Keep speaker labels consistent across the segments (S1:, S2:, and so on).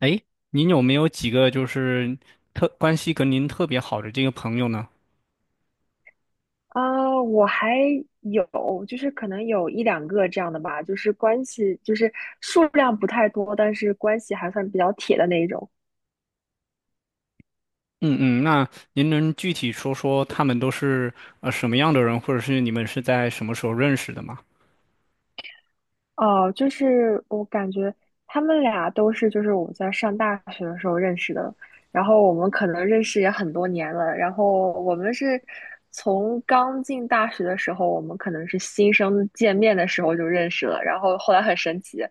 S1: 哎，您有没有几个就是特关系跟您特别好的这个朋友呢？
S2: 啊，我还有，就是可能有一两个这样的吧，就是关系，就是数量不太多，但是关系还算比较铁的那一种。
S1: 嗯嗯，那您能具体说说他们都是什么样的人，或者是你们是在什么时候认识的吗？
S2: 哦，就是我感觉他们俩都是，就是我们在上大学的时候认识的，然后我们可能认识也很多年了，然后我们是从刚进大学的时候，我们可能是新生见面的时候就认识了，然后后来很神奇，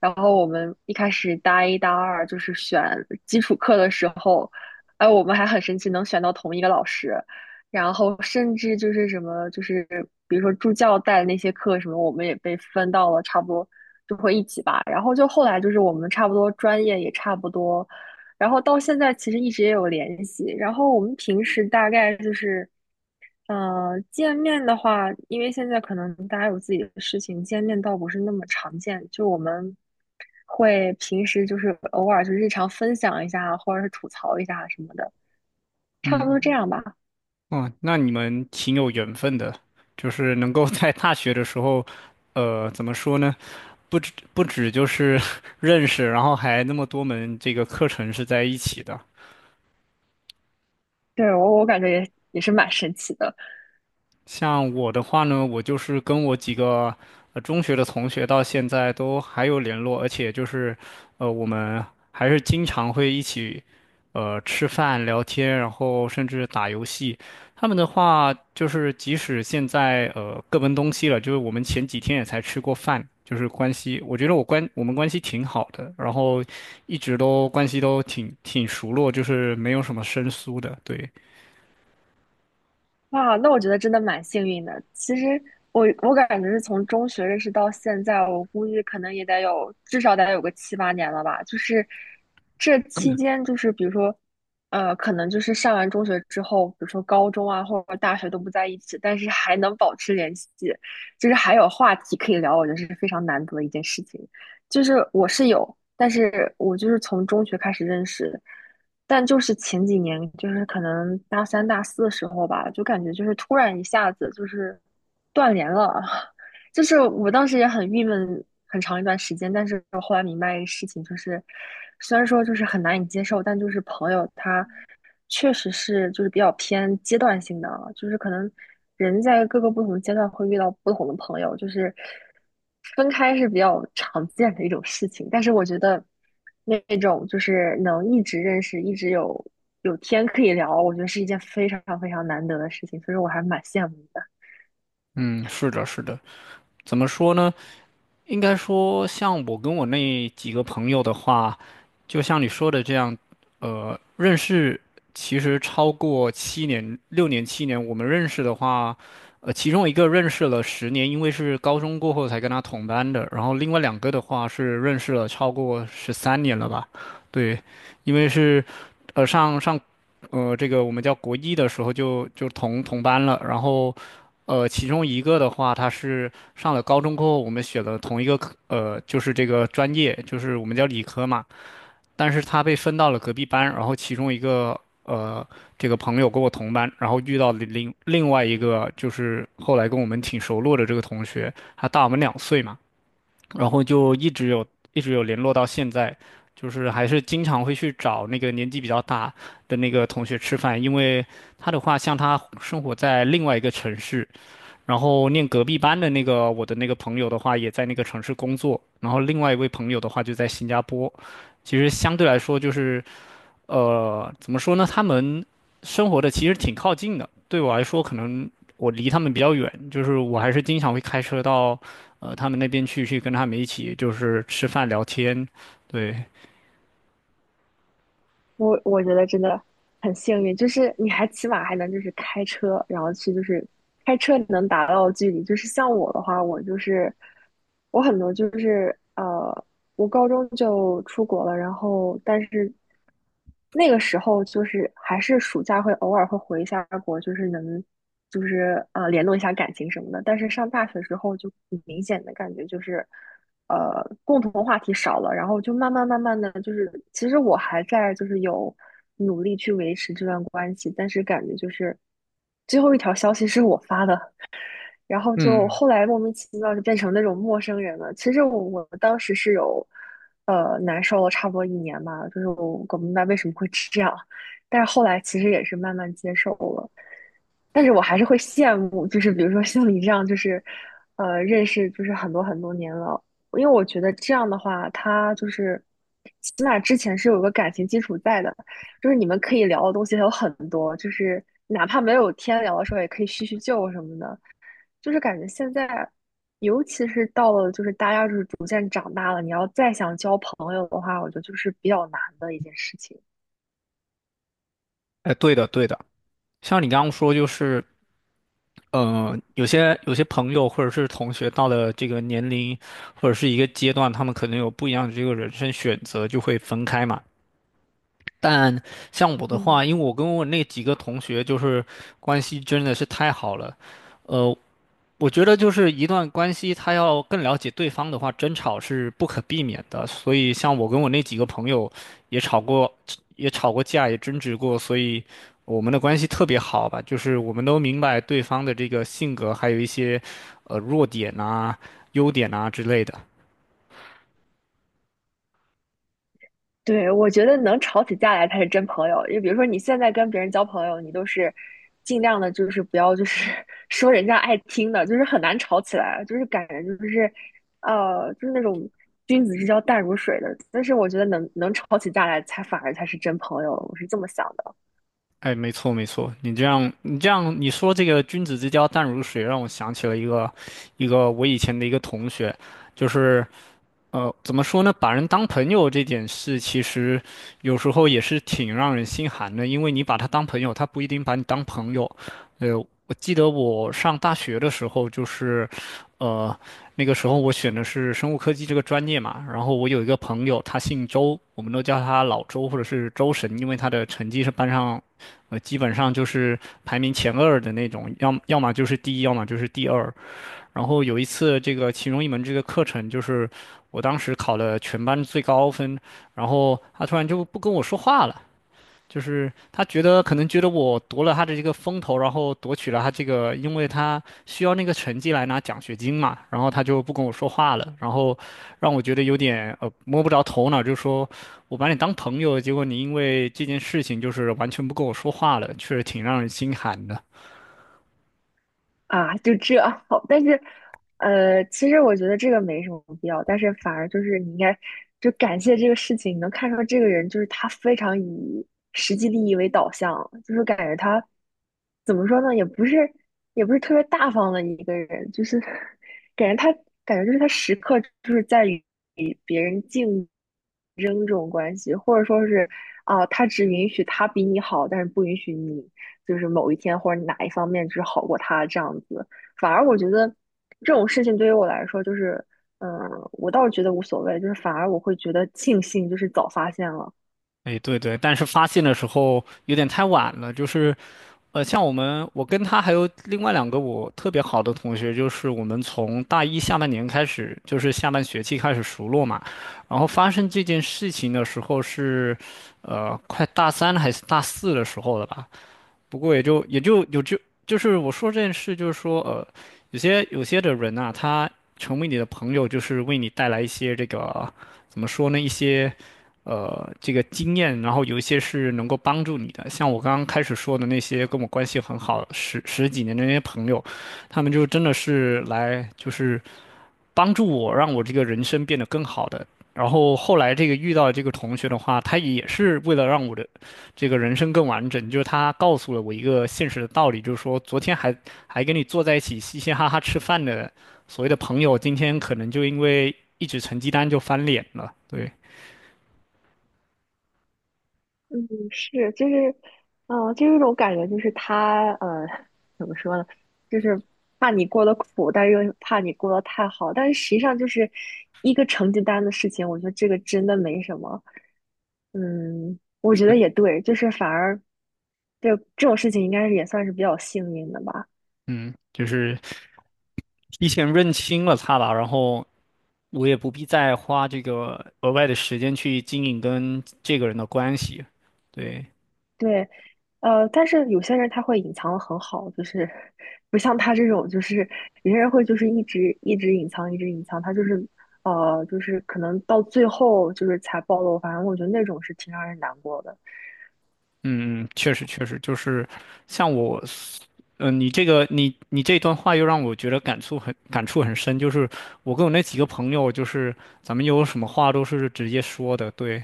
S2: 然后我们一开始大一大二就是选基础课的时候，哎，我们还很神奇能选到同一个老师，然后甚至就是什么，就是比如说助教带的那些课什么，我们也被分到了差不多，就会一起吧。然后就后来就是我们差不多专业也差不多，然后到现在其实一直也有联系。然后我们平时大概就是，见面的话，因为现在可能大家有自己的事情，见面倒不是那么常见。就我们会平时就是偶尔就日常分享一下啊，或者是吐槽一下啊什么的，差不
S1: 嗯
S2: 多这
S1: 嗯，
S2: 样吧。
S1: 哦，那你们挺有缘分的，就是能够在大学的时候，怎么说呢？不止就是 认识，然后还那么多门这个课程是在一起的。
S2: 对，我感觉也是蛮神奇的，
S1: 像我的话呢，我就是跟我几个中学的同学到现在都还有联络，而且就是我们还是经常会一起吃饭聊天，然后甚至打游戏。他们的话就是即使现在各奔东西了，就是我们前几天也才吃过饭，就是关系，我觉得我们关系挺好的，然后一直都关系都挺熟络，就是没有什么生疏的，对。
S2: 哇，那我觉得真的蛮幸运的。其实我感觉是从中学认识到现在，我估计可能也得有至少得有个七八年了吧。就是这期间，就是比如说，可能就是上完中学之后，比如说高中啊或者大学都不在一起，但是还能保持联系，就是还有话题可以聊，我觉得是非常难得的一件事情。就是我是有，但是我就是从中学开始认识的，但就是前几年，就是可能大三、大四的时候吧，就感觉就是突然一下子就是断联了，就是我当时也很郁闷，很长一段时间，但是我后来明白一个事情，就是虽然说就是很难以接受，但就是朋友他确实是就是比较偏阶段性的，啊，就是可能人在各个不同的阶段会遇到不同的朋友，就是分开是比较常见的一种事情。但是我觉得那种就是能一直认识，一直有有天可以聊，我觉得是一件非常非常难得的事情，所以说我还蛮羡慕的。
S1: 嗯，是的，是的。怎么说呢？应该说，像我跟我那几个朋友的话，就像你说的这样，认识其实超过七年、6年、七年，我们认识的话，其中一个认识了10年，因为是高中过后才跟他同班的，然后另外两个的话是认识了超过13年了吧？对，因为是，呃，上上，呃，这个我们叫国一的时候就同班了，然后，其中一个的话他是。上了高中过后，我们选了同一个科，就是这个专业，就是我们叫理科嘛。但是他被分到了隔壁班，然后其中一个这个朋友跟我同班，然后遇到了另外一个，就是后来跟我们挺熟络的这个同学，他大我们2岁嘛，然后就一直有联络到现在，就是还是经常会去找那个年纪比较大的那个同学吃饭，因为他的话，像他生活在另外一个城市。然后念隔壁班的那个我的那个朋友的话，也在那个城市工作。然后另外一位朋友的话就在新加坡。其实相对来说，就是怎么说呢？他们生活的其实挺靠近的。对我来说，可能我离他们比较远，就是我还是经常会开车到他们那边去，去跟他们一起就是吃饭聊天。对，
S2: 我觉得真的很幸运，就是你还起码还能就是开车，然后去就是开车你能达到的距离，就是像我的话，我就是我很多就是我高中就出国了，然后但是那个时候就是还是暑假会偶尔会回一下国，就是能就是联络一下感情什么的，但是上大学之后就明显的感觉就是。共同话题少了，然后就慢慢慢慢的就是，其实我还在就是有努力去维持这段关系，但是感觉就是最后一条消息是我发的，然后就
S1: 嗯，
S2: 后来莫名其妙就变成那种陌生人了。其实我当时是有，难受了差不多一年吧，就是我搞不明白为什么会这样，但是后来其实也是慢慢接受了。但是我还是会羡慕，就是比如说像你这样，就是，认识就是很多很多年了，因为我觉得这样的话，他就是起码之前是有个感情基础在的，就是你们可以聊的东西还有很多，就是哪怕没有天聊的时候，也可以叙叙旧什么的。就是感觉现在，尤其是到了就是大家就是逐渐长大了，你要再想交朋友的话，我觉得就是比较难的一件事情。
S1: 哎，对的，对的。像你刚刚说，就是有些朋友或者是同学到了这个年龄或者是一个阶段，他们可能有不一样的这个人生选择，就会分开嘛。但像我的
S2: 嗯，
S1: 话，因为我跟我那几个同学就是关系真的是太好了，呃，我觉得就是一段关系，他要更了解对方的话，争吵是不可避免的。所以，像我跟我那几个朋友也吵过，也吵过架，也争执过，所以我们的关系特别好吧。就是我们都明白对方的这个性格，还有一些弱点啊、优点啊之类的。
S2: 对，我觉得能吵起架来才是真朋友。就比如说你现在跟别人交朋友，你都是尽量的，就是不要就是 说人家爱听的，就是很难吵起来，就是感觉就是就是那种君子之交淡如水的。但是我觉得能吵起架来才反而才是真朋友，我是这么想的。
S1: 哎，没错没错，你这样你说这个君子之交淡如水，让我想起了一个我以前的一个同学，就是。怎么说呢？把人当朋友这件事，其实有时候也是挺让人心寒的，因为你把他当朋友，他不一定把你当朋友。呃，我记得我上大学的时候，就是，呃，那个时候我选的是生物科技这个专业嘛，然后我有一个朋友，他姓周，我们都叫他老周或者是周神，因为他的成绩是班上，基本上就是排名前二的那种，要么就是第一，要么就是第二。然后有一次，这个其中一门这个课程，就是我当时考了全班最高分，然后他突然就不跟我说话了，就是他觉得可能觉得我夺了他的这个风头，然后夺取了他这个，因为他需要那个成绩来拿奖学金嘛，然后他就不跟我说话了，然后让我觉得有点摸不着头脑，就说我把你当朋友，结果你因为这件事情就是完全不跟我说话了，确实挺让人心寒的。
S2: 啊，就这好，但是，其实我觉得这个没什么必要，但是反而就是你应该就感谢这个事情，你能看出来这个人就是他非常以实际利益为导向，就是感觉他怎么说呢，也不是特别大方的一个人，就是 感觉他感觉就是他时刻就是在于。别人竞争这种关系，或者说是啊，他只允许他比你好，但是不允许你就是某一天或者哪一方面只好过他这样子。反而我觉得这种事情对于我来说，就是嗯，我倒是觉得无所谓，就是反而我会觉得庆幸，就是早发现了。
S1: 哎，对对，但是发现的时候有点太晚了，就是，像我们，我跟他还有另外两个我特别好的同学，就是我们从大一下半年开始，就是下半学期开始熟络嘛，然后发生这件事情的时候是，快大三还是大四的时候了吧？不过也就就是我说这件事，就是说有些的人啊，他成为你的朋友，就是为你带来一些这个怎么说呢，一些这个经验，然后有一些是能够帮助你的。像我刚刚开始说的那些跟我关系很好十几年的那些朋友，他们就真的是来就是。帮助我让我这个人生变得更好的。然后后来这个遇到这个同学的话，他也是为了让我的这个人生更完整，就是他告诉了我一个现实的道理，就是说昨天还跟你坐在一起嘻嘻哈哈吃饭的所谓的朋友，今天可能就因为一纸成绩单就翻脸了。对，
S2: 嗯，是，就是，嗯、就有一种感觉，就是他，怎么说呢，就是怕你过得苦，但是又怕你过得太好，但是实际上就是一个成绩单的事情，我觉得这个真的没什么。嗯，我觉得
S1: 是，
S2: 也对，就是反而，就这种事情应该是也算是比较幸运的吧。
S1: 嗯，就是提前认清了他吧，然后我也不必再花这个额外的时间去经营跟这个人的关系。对，
S2: 对，但是有些人他会隐藏的很好，就是不像他这种，就是有些人会就是一直隐藏，一直隐藏，他就是就是可能到最后就是才暴露。反正我觉得那种是挺让人难过的。
S1: 嗯嗯确实确实，就是像我，嗯、你这段话又让我觉得感触很深，就是我跟我那几个朋友，就是咱们有什么话都是直接说的，对，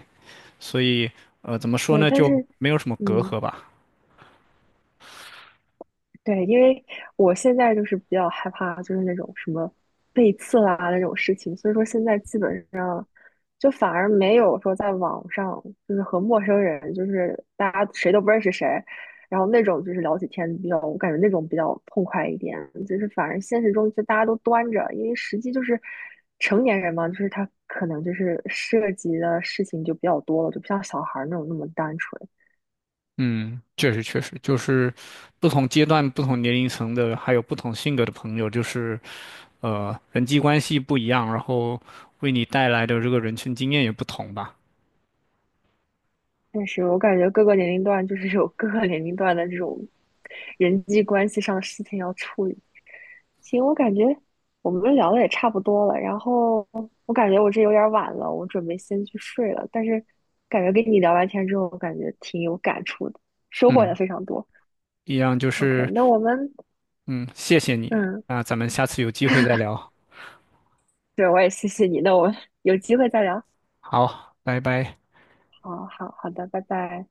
S1: 所以怎么说
S2: 对，
S1: 呢，
S2: 但
S1: 就
S2: 是
S1: 没有什么隔
S2: 嗯，
S1: 阂吧。
S2: 对，因为我现在就是比较害怕，就是那种什么背刺啦那种事情，所以说现在基本。就反而没有说在网上就是和陌生人，就是大家谁都不认识谁，然后那种就是聊起天比较，我感觉那种比较痛快一点。就是反而现实中就大家都端着，因为实际就是成年人嘛，就是他可能就是涉及的事情就比较多了，就不像小孩儿那种那么单纯。
S1: 嗯，确实确实，就是不同阶段、不同年龄层的，还有不同性格的朋友，就是人际关系不一样，然后为你带来的这个人生经验也不同吧。
S2: 但是我感觉各个年龄段就是有各个年龄段的这种人际关系上的事情要处理。行，我感觉我们聊的也差不多了，然后我感觉我这有点晚了，我准备先去睡了。但是感觉跟你聊完天之后，我感觉挺有感触的，收获也
S1: 嗯，
S2: 非常多。
S1: 一样就
S2: OK,
S1: 是。
S2: 那我们
S1: 嗯，谢谢你，
S2: 嗯，
S1: 那咱们下次有机会再聊。
S2: 对，我也谢谢你，那我们有机会再聊。
S1: 好，拜拜。
S2: 好好好的，拜拜。